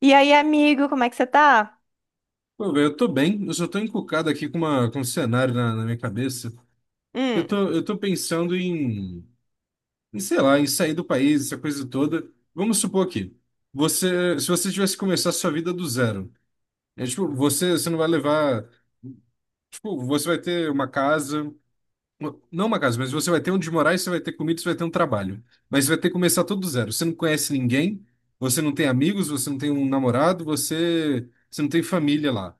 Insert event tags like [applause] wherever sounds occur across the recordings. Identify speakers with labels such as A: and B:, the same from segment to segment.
A: E aí, amigo, como é que você tá?
B: Pô, velho, eu tô bem, eu só tô encucado aqui com um cenário na minha cabeça. Eu
A: Hum,
B: tô, eu tô pensando em sei lá, em sair do país, essa coisa toda. Vamos supor aqui, você, se você tivesse que começar a sua vida do zero, é, tipo, você não vai levar, tipo, você vai ter uma casa, não uma casa, mas você vai ter onde morar, e você vai ter comida, e você vai ter um trabalho. Mas você vai ter que começar tudo do zero. Você não conhece ninguém, você não tem amigos, você não tem um namorado, você não tem família lá.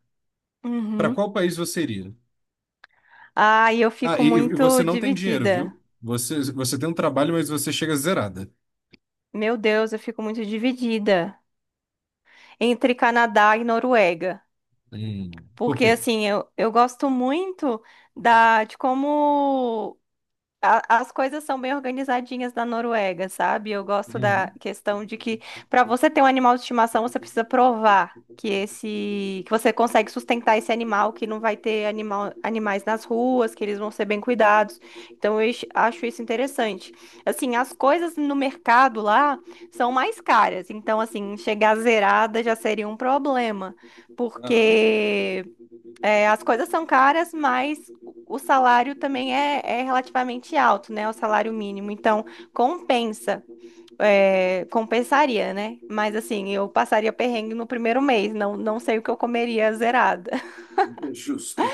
B: Para
A: uhum.
B: qual país você iria?
A: Ai, eu
B: Ah,
A: fico
B: e você
A: muito
B: não tem dinheiro,
A: dividida.
B: viu? Você tem um trabalho, mas você chega zerada.
A: Meu Deus, eu fico muito dividida entre Canadá e Noruega.
B: Hum. Por
A: Porque,
B: quê?
A: assim, eu gosto muito da, de como as coisas são bem organizadinhas na Noruega, sabe? Eu gosto da
B: Uhum.
A: questão de que para você ter um animal de estimação, você precisa provar que esse que você consegue sustentar esse animal, que não vai ter animais nas ruas, que eles vão ser bem cuidados. Então eu acho isso interessante. Assim, as coisas no mercado lá são mais caras, então assim, chegar zerada já seria um problema,
B: Aham.
A: porque é, as coisas são caras, mas o salário também é, é relativamente alto, né? O salário mínimo. Então, compensa. É, compensaria, né? Mas assim, eu passaria perrengue no primeiro mês. Não sei o que eu comeria zerada. [laughs]
B: Justo.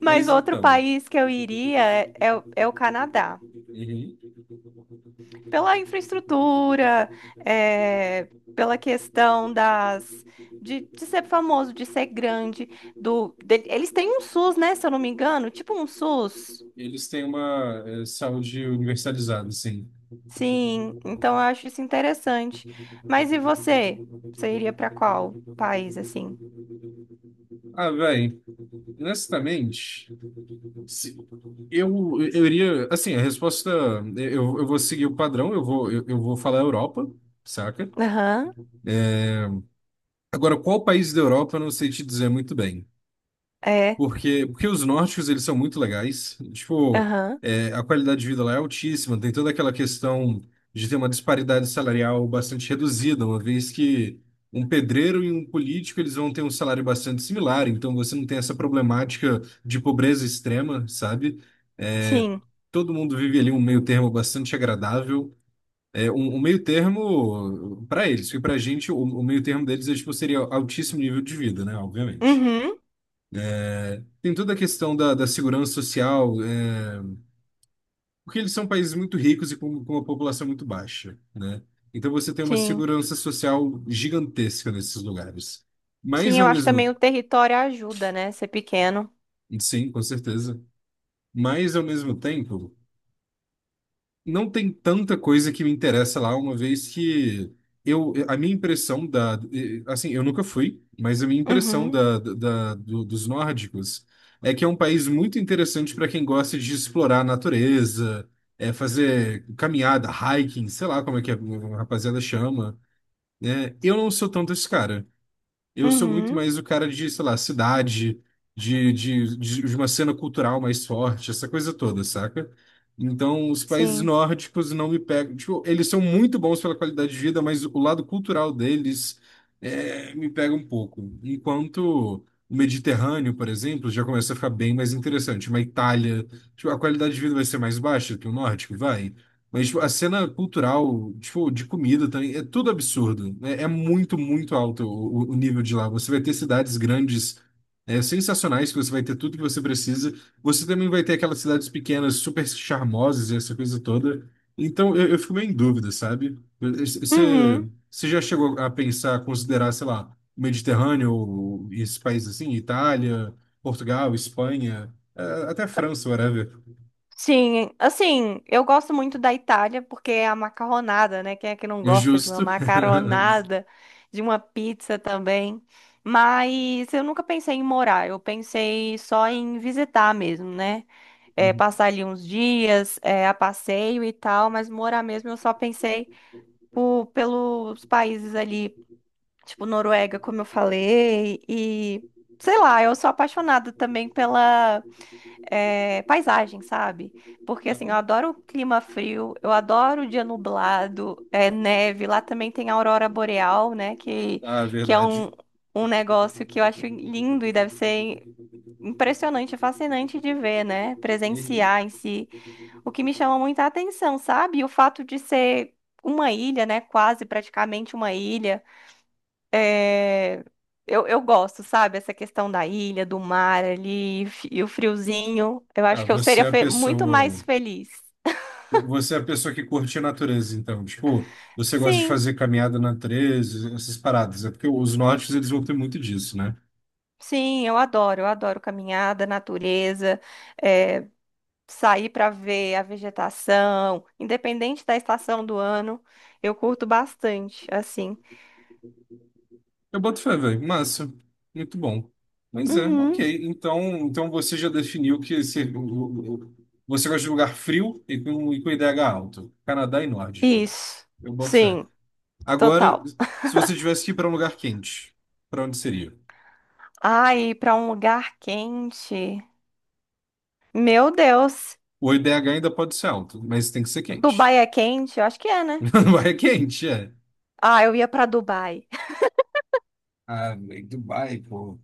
A: Mas
B: Mas
A: outro
B: então,
A: país que eu iria é, é o Canadá.
B: uhum.
A: Pela infraestrutura, é, pela questão das. De ser famoso, de ser grande, do, eles têm um SUS, né? Se eu não me engano, tipo um SUS.
B: Eles têm uma saúde universalizada, assim.
A: Sim, então eu acho isso interessante. Mas e você? Você iria para qual país assim?
B: Ah, velho, honestamente, se- eu iria. Assim, a resposta. Eu vou seguir o padrão, eu vou falar Europa, saca?
A: Aham,
B: Agora, qual país da Europa, eu não sei te dizer muito bem.
A: é,
B: Porque os nórdicos, eles são muito legais. Tipo,
A: aham,
B: é, a qualidade de vida lá é altíssima. Tem toda aquela questão de ter uma disparidade salarial bastante reduzida, uma vez que um pedreiro e um político, eles vão ter um salário bastante similar. Então, você não tem essa problemática de pobreza extrema, sabe? É,
A: sim.
B: todo mundo vive ali um meio termo bastante agradável. É, um meio termo para eles. E para a gente, o meio termo deles é, tipo, seria altíssimo nível de vida, né? Obviamente.
A: Uhum,
B: Tem toda a questão da segurança social, é, porque eles são países muito ricos e com uma população muito baixa, né? Então você tem uma
A: sim.
B: segurança social gigantesca nesses lugares. Mas
A: Sim, eu
B: ao
A: acho que também
B: mesmo,
A: o território ajuda, né? Ser pequeno.
B: sim, com certeza. Mas ao mesmo tempo não tem tanta coisa que me interessa lá, uma vez que eu, a minha impressão da, assim, eu nunca fui, mas a minha impressão
A: Uhum,
B: dos nórdicos é que é um país muito interessante para quem gosta de explorar a natureza, é, fazer caminhada, hiking, sei lá como é que a rapaziada chama, né? Eu não sou tanto esse cara. Eu sou muito
A: uhum,
B: mais o cara de, sei lá, cidade, de uma cena cultural mais forte, essa coisa toda, saca? Então, os países
A: sim.
B: nórdicos não me pegam. Tipo, eles são muito bons pela qualidade de vida, mas o lado cultural deles é, me pega um pouco. Enquanto o Mediterrâneo, por exemplo, já começa a ficar bem mais interessante. Uma Itália, tipo, a qualidade de vida vai ser mais baixa que o nórdico, vai. Mas tipo, a cena cultural, tipo, de comida também, é tudo absurdo. É, é muito alto o nível de lá. Você vai ter cidades grandes, é, sensacionais, que você vai ter tudo que você precisa. Você também vai ter aquelas cidades pequenas, super charmosas, e essa coisa toda. Então, eu fico meio em dúvida, sabe?
A: Uhum.
B: Você já chegou a pensar, a considerar, sei lá, o Mediterrâneo, ou esses países assim, Itália, Portugal, Espanha, até França, whatever.
A: Sim, assim, eu gosto muito da Itália porque é a macarronada, né? Quem é que não
B: É
A: gosta de uma
B: Justo.
A: macaronada, de uma pizza também? Mas eu nunca pensei em morar, eu pensei só em visitar mesmo, né? É,
B: [laughs]
A: passar ali uns dias, é, a passeio e tal, mas morar mesmo eu só pensei por, pelos países ali, tipo Noruega, como eu falei, e sei lá, eu sou apaixonada também pela é, paisagem, sabe? Porque assim, eu
B: Não.
A: adoro o clima frio, eu adoro o dia nublado, é, neve. Lá também tem a aurora boreal, né?
B: Ah,
A: Que é
B: verdade.
A: um, um negócio que eu acho lindo e deve ser impressionante, fascinante de ver, né?
B: Uhum.
A: Presenciar em si. O que me chama muita atenção, sabe? O fato de ser uma ilha, né? Quase praticamente uma ilha. É, eu gosto, sabe? Essa questão da ilha, do mar ali e o friozinho. Eu
B: Ah,
A: acho que eu
B: você
A: seria
B: é a
A: muito mais
B: pessoa.
A: feliz.
B: Você é a pessoa que curte a natureza, então. Tipo, você gosta de
A: Sim,
B: fazer caminhada na natureza, essas paradas. É porque os nortes, eles vão ter muito disso, né?
A: sim, eu adoro. Eu adoro caminhada, natureza, é, sair para ver a vegetação, independente da estação do ano. Eu curto bastante, assim.
B: Eu boto fé, velho. Massa. Muito bom. Mas é,
A: Uhum,
B: ok. Então, então você já definiu que você gosta de lugar frio e e com IDH alto. Canadá e nórdico.
A: isso.
B: Eu boto fé.
A: Sim,
B: Agora,
A: total.
B: se você tivesse que ir para um lugar quente, para onde seria?
A: Ai, para um lugar quente. Meu Deus.
B: O IDH ainda pode ser alto, mas tem que ser quente.
A: Dubai é quente? Eu acho que é,
B: [laughs]
A: né?
B: Dubai é quente, é.
A: Ah, eu ia pra Dubai.
B: Ah, velho, Dubai, pô.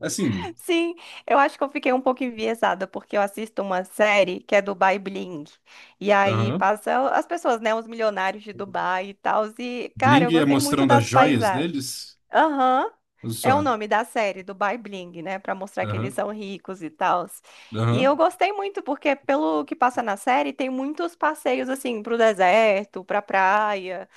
B: Assim,
A: [laughs] Sim, eu acho que eu fiquei um pouco enviesada, porque eu assisto uma série que é Dubai Bling. E aí
B: aham.
A: passa as pessoas, né, os milionários de Dubai e tal. E, cara, eu
B: Bling é
A: gostei muito
B: mostrando as
A: das
B: joias
A: paisagens.
B: deles?
A: Aham.
B: Olha
A: É o
B: só.
A: nome da série do Bai Bling, né? Pra mostrar que eles
B: Aham,
A: são ricos e tal. E
B: aham.
A: eu gostei muito, porque pelo que passa na série, tem muitos passeios assim pro deserto, pra praia,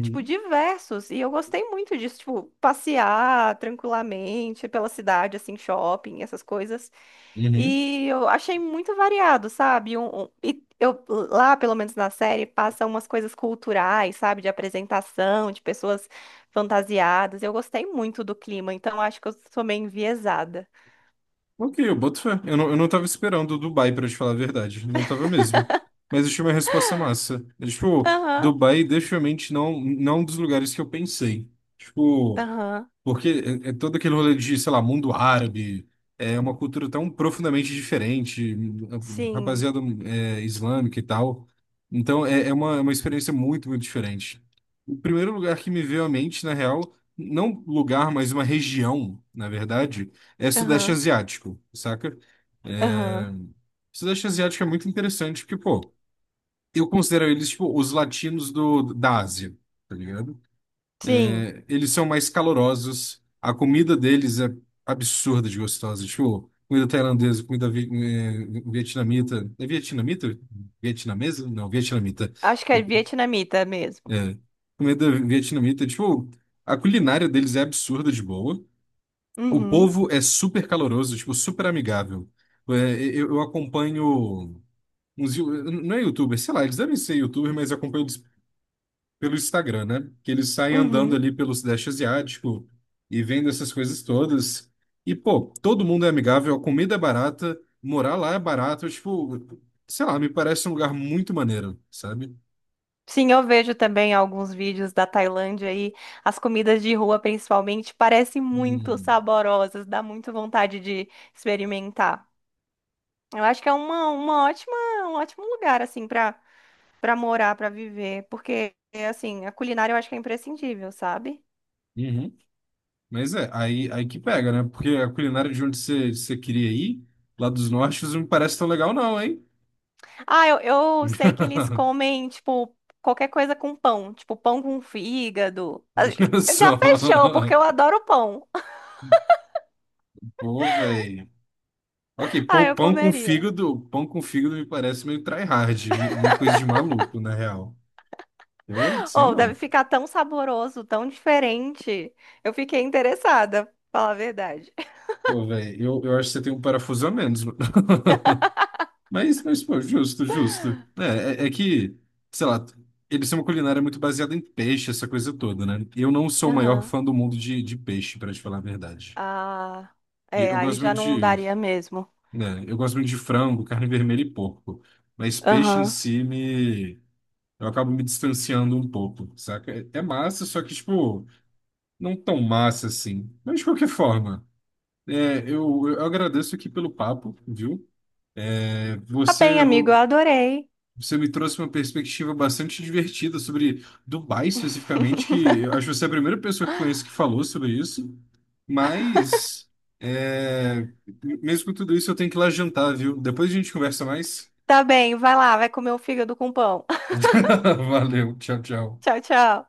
A: tipo, diversos. E eu gostei muito disso, tipo, passear tranquilamente pela cidade, assim, shopping, essas coisas.
B: Uhum.
A: E eu achei muito variado, sabe? E eu, lá, pelo menos na série, passa umas coisas culturais, sabe? De apresentação, de pessoas fantasiadas. Eu gostei muito do clima, então acho que eu sou meio enviesada.
B: Ok, eu boto fé. Eu não tava esperando o Dubai, pra te falar a verdade. Não tava mesmo. Mas achei uma resposta massa. É, tipo,
A: Aham,
B: Dubai, definitivamente, não é um dos lugares que eu pensei. Tipo.
A: aham,
B: Porque é, é todo aquele rolê de, sei lá, mundo árabe, é uma cultura tão profundamente diferente,
A: sim.
B: rapaziada é, islâmica e tal. Então é, é uma experiência muito, muito diferente. O primeiro lugar que me veio à mente, na real, não lugar, mas uma região, na verdade, é Sudeste
A: Aham,
B: Asiático, saca? É...
A: aham,
B: Sudeste Asiático é muito interessante porque, pô, eu considero eles, tipo, os latinos da Ásia, tá ligado?
A: sim.
B: É, eles são mais calorosos. A comida deles é absurda de gostosa. Tipo, comida tailandesa, comida vietnamita. É vietnamita? Vietnamesa? Não, vietnamita.
A: Acho que é vietnamita mesmo.
B: É. Comida vietnamita. Tipo, a culinária deles é absurda de boa. O
A: Uhum,
B: povo é super caloroso, tipo, super amigável. É, eu acompanho uns... Não é youtuber, sei lá, eles devem ser youtuber, mas eu acompanho pelo Instagram, né? Que eles saem andando
A: uhum.
B: ali pelo Sudeste Asiático e vendo essas coisas todas. E, pô, todo mundo é amigável, a comida é barata, morar lá é barato. Tipo, sei lá, me parece um lugar muito maneiro, sabe?
A: Sim, eu vejo também alguns vídeos da Tailândia aí. As comidas de rua, principalmente, parecem muito
B: Hum.
A: saborosas. Dá muito vontade de experimentar. Eu acho que é uma ótima, um ótimo lugar, assim, para para morar, para viver. Porque, assim, a culinária eu acho que é imprescindível, sabe?
B: Uhum. Mas é, aí que pega, né? Porque a culinária de onde você queria ir, lá dos nortes, não me parece tão legal, não, hein?
A: Ah, eu sei que eles
B: [laughs]
A: comem, tipo, qualquer coisa com pão. Tipo, pão com fígado. Ah,
B: Olha
A: já
B: só.
A: fechou, porque eu adoro pão.
B: Pô, velho. Ok,
A: [laughs] Ah,
B: pão,
A: eu comeria.
B: pão com fígado me parece meio tryhard, meio coisa de maluco, na real. Eu sei
A: Ou deve
B: não.
A: ficar tão saboroso, tão diferente. Eu fiquei interessada, pra falar a verdade.
B: Pô, velho, eu acho que você tem um parafuso a menos, mano. [laughs] Mas pô, justo. É que, sei lá, eles têm uma culinária muito baseada em peixe, essa coisa toda, né? Eu não sou o maior
A: Aham.
B: fã
A: [laughs]
B: do mundo de peixe, pra te falar a verdade.
A: Ah,
B: E
A: é,
B: eu
A: aí
B: gosto
A: já
B: muito
A: não
B: de,
A: daria mesmo.
B: né, eu gosto muito de frango, carne vermelha e porco. Mas peixe em
A: Aham.
B: si me... Eu acabo me distanciando um pouco, saca? É massa, só que, tipo... não tão massa assim. Mas de qualquer forma, é, eu agradeço aqui pelo papo, viu? É,
A: Tá bem, amigo, eu adorei.
B: você me trouxe uma perspectiva bastante divertida sobre Dubai especificamente, que eu acho que você é a primeira pessoa que conheço que falou sobre isso. Mas, é, mesmo com tudo isso, eu tenho que ir lá jantar, viu? Depois a gente conversa mais.
A: Tá bem, vai lá, vai comer o fígado com pão. [laughs]
B: [laughs] Valeu, tchau, tchau.
A: Tchau, tchau.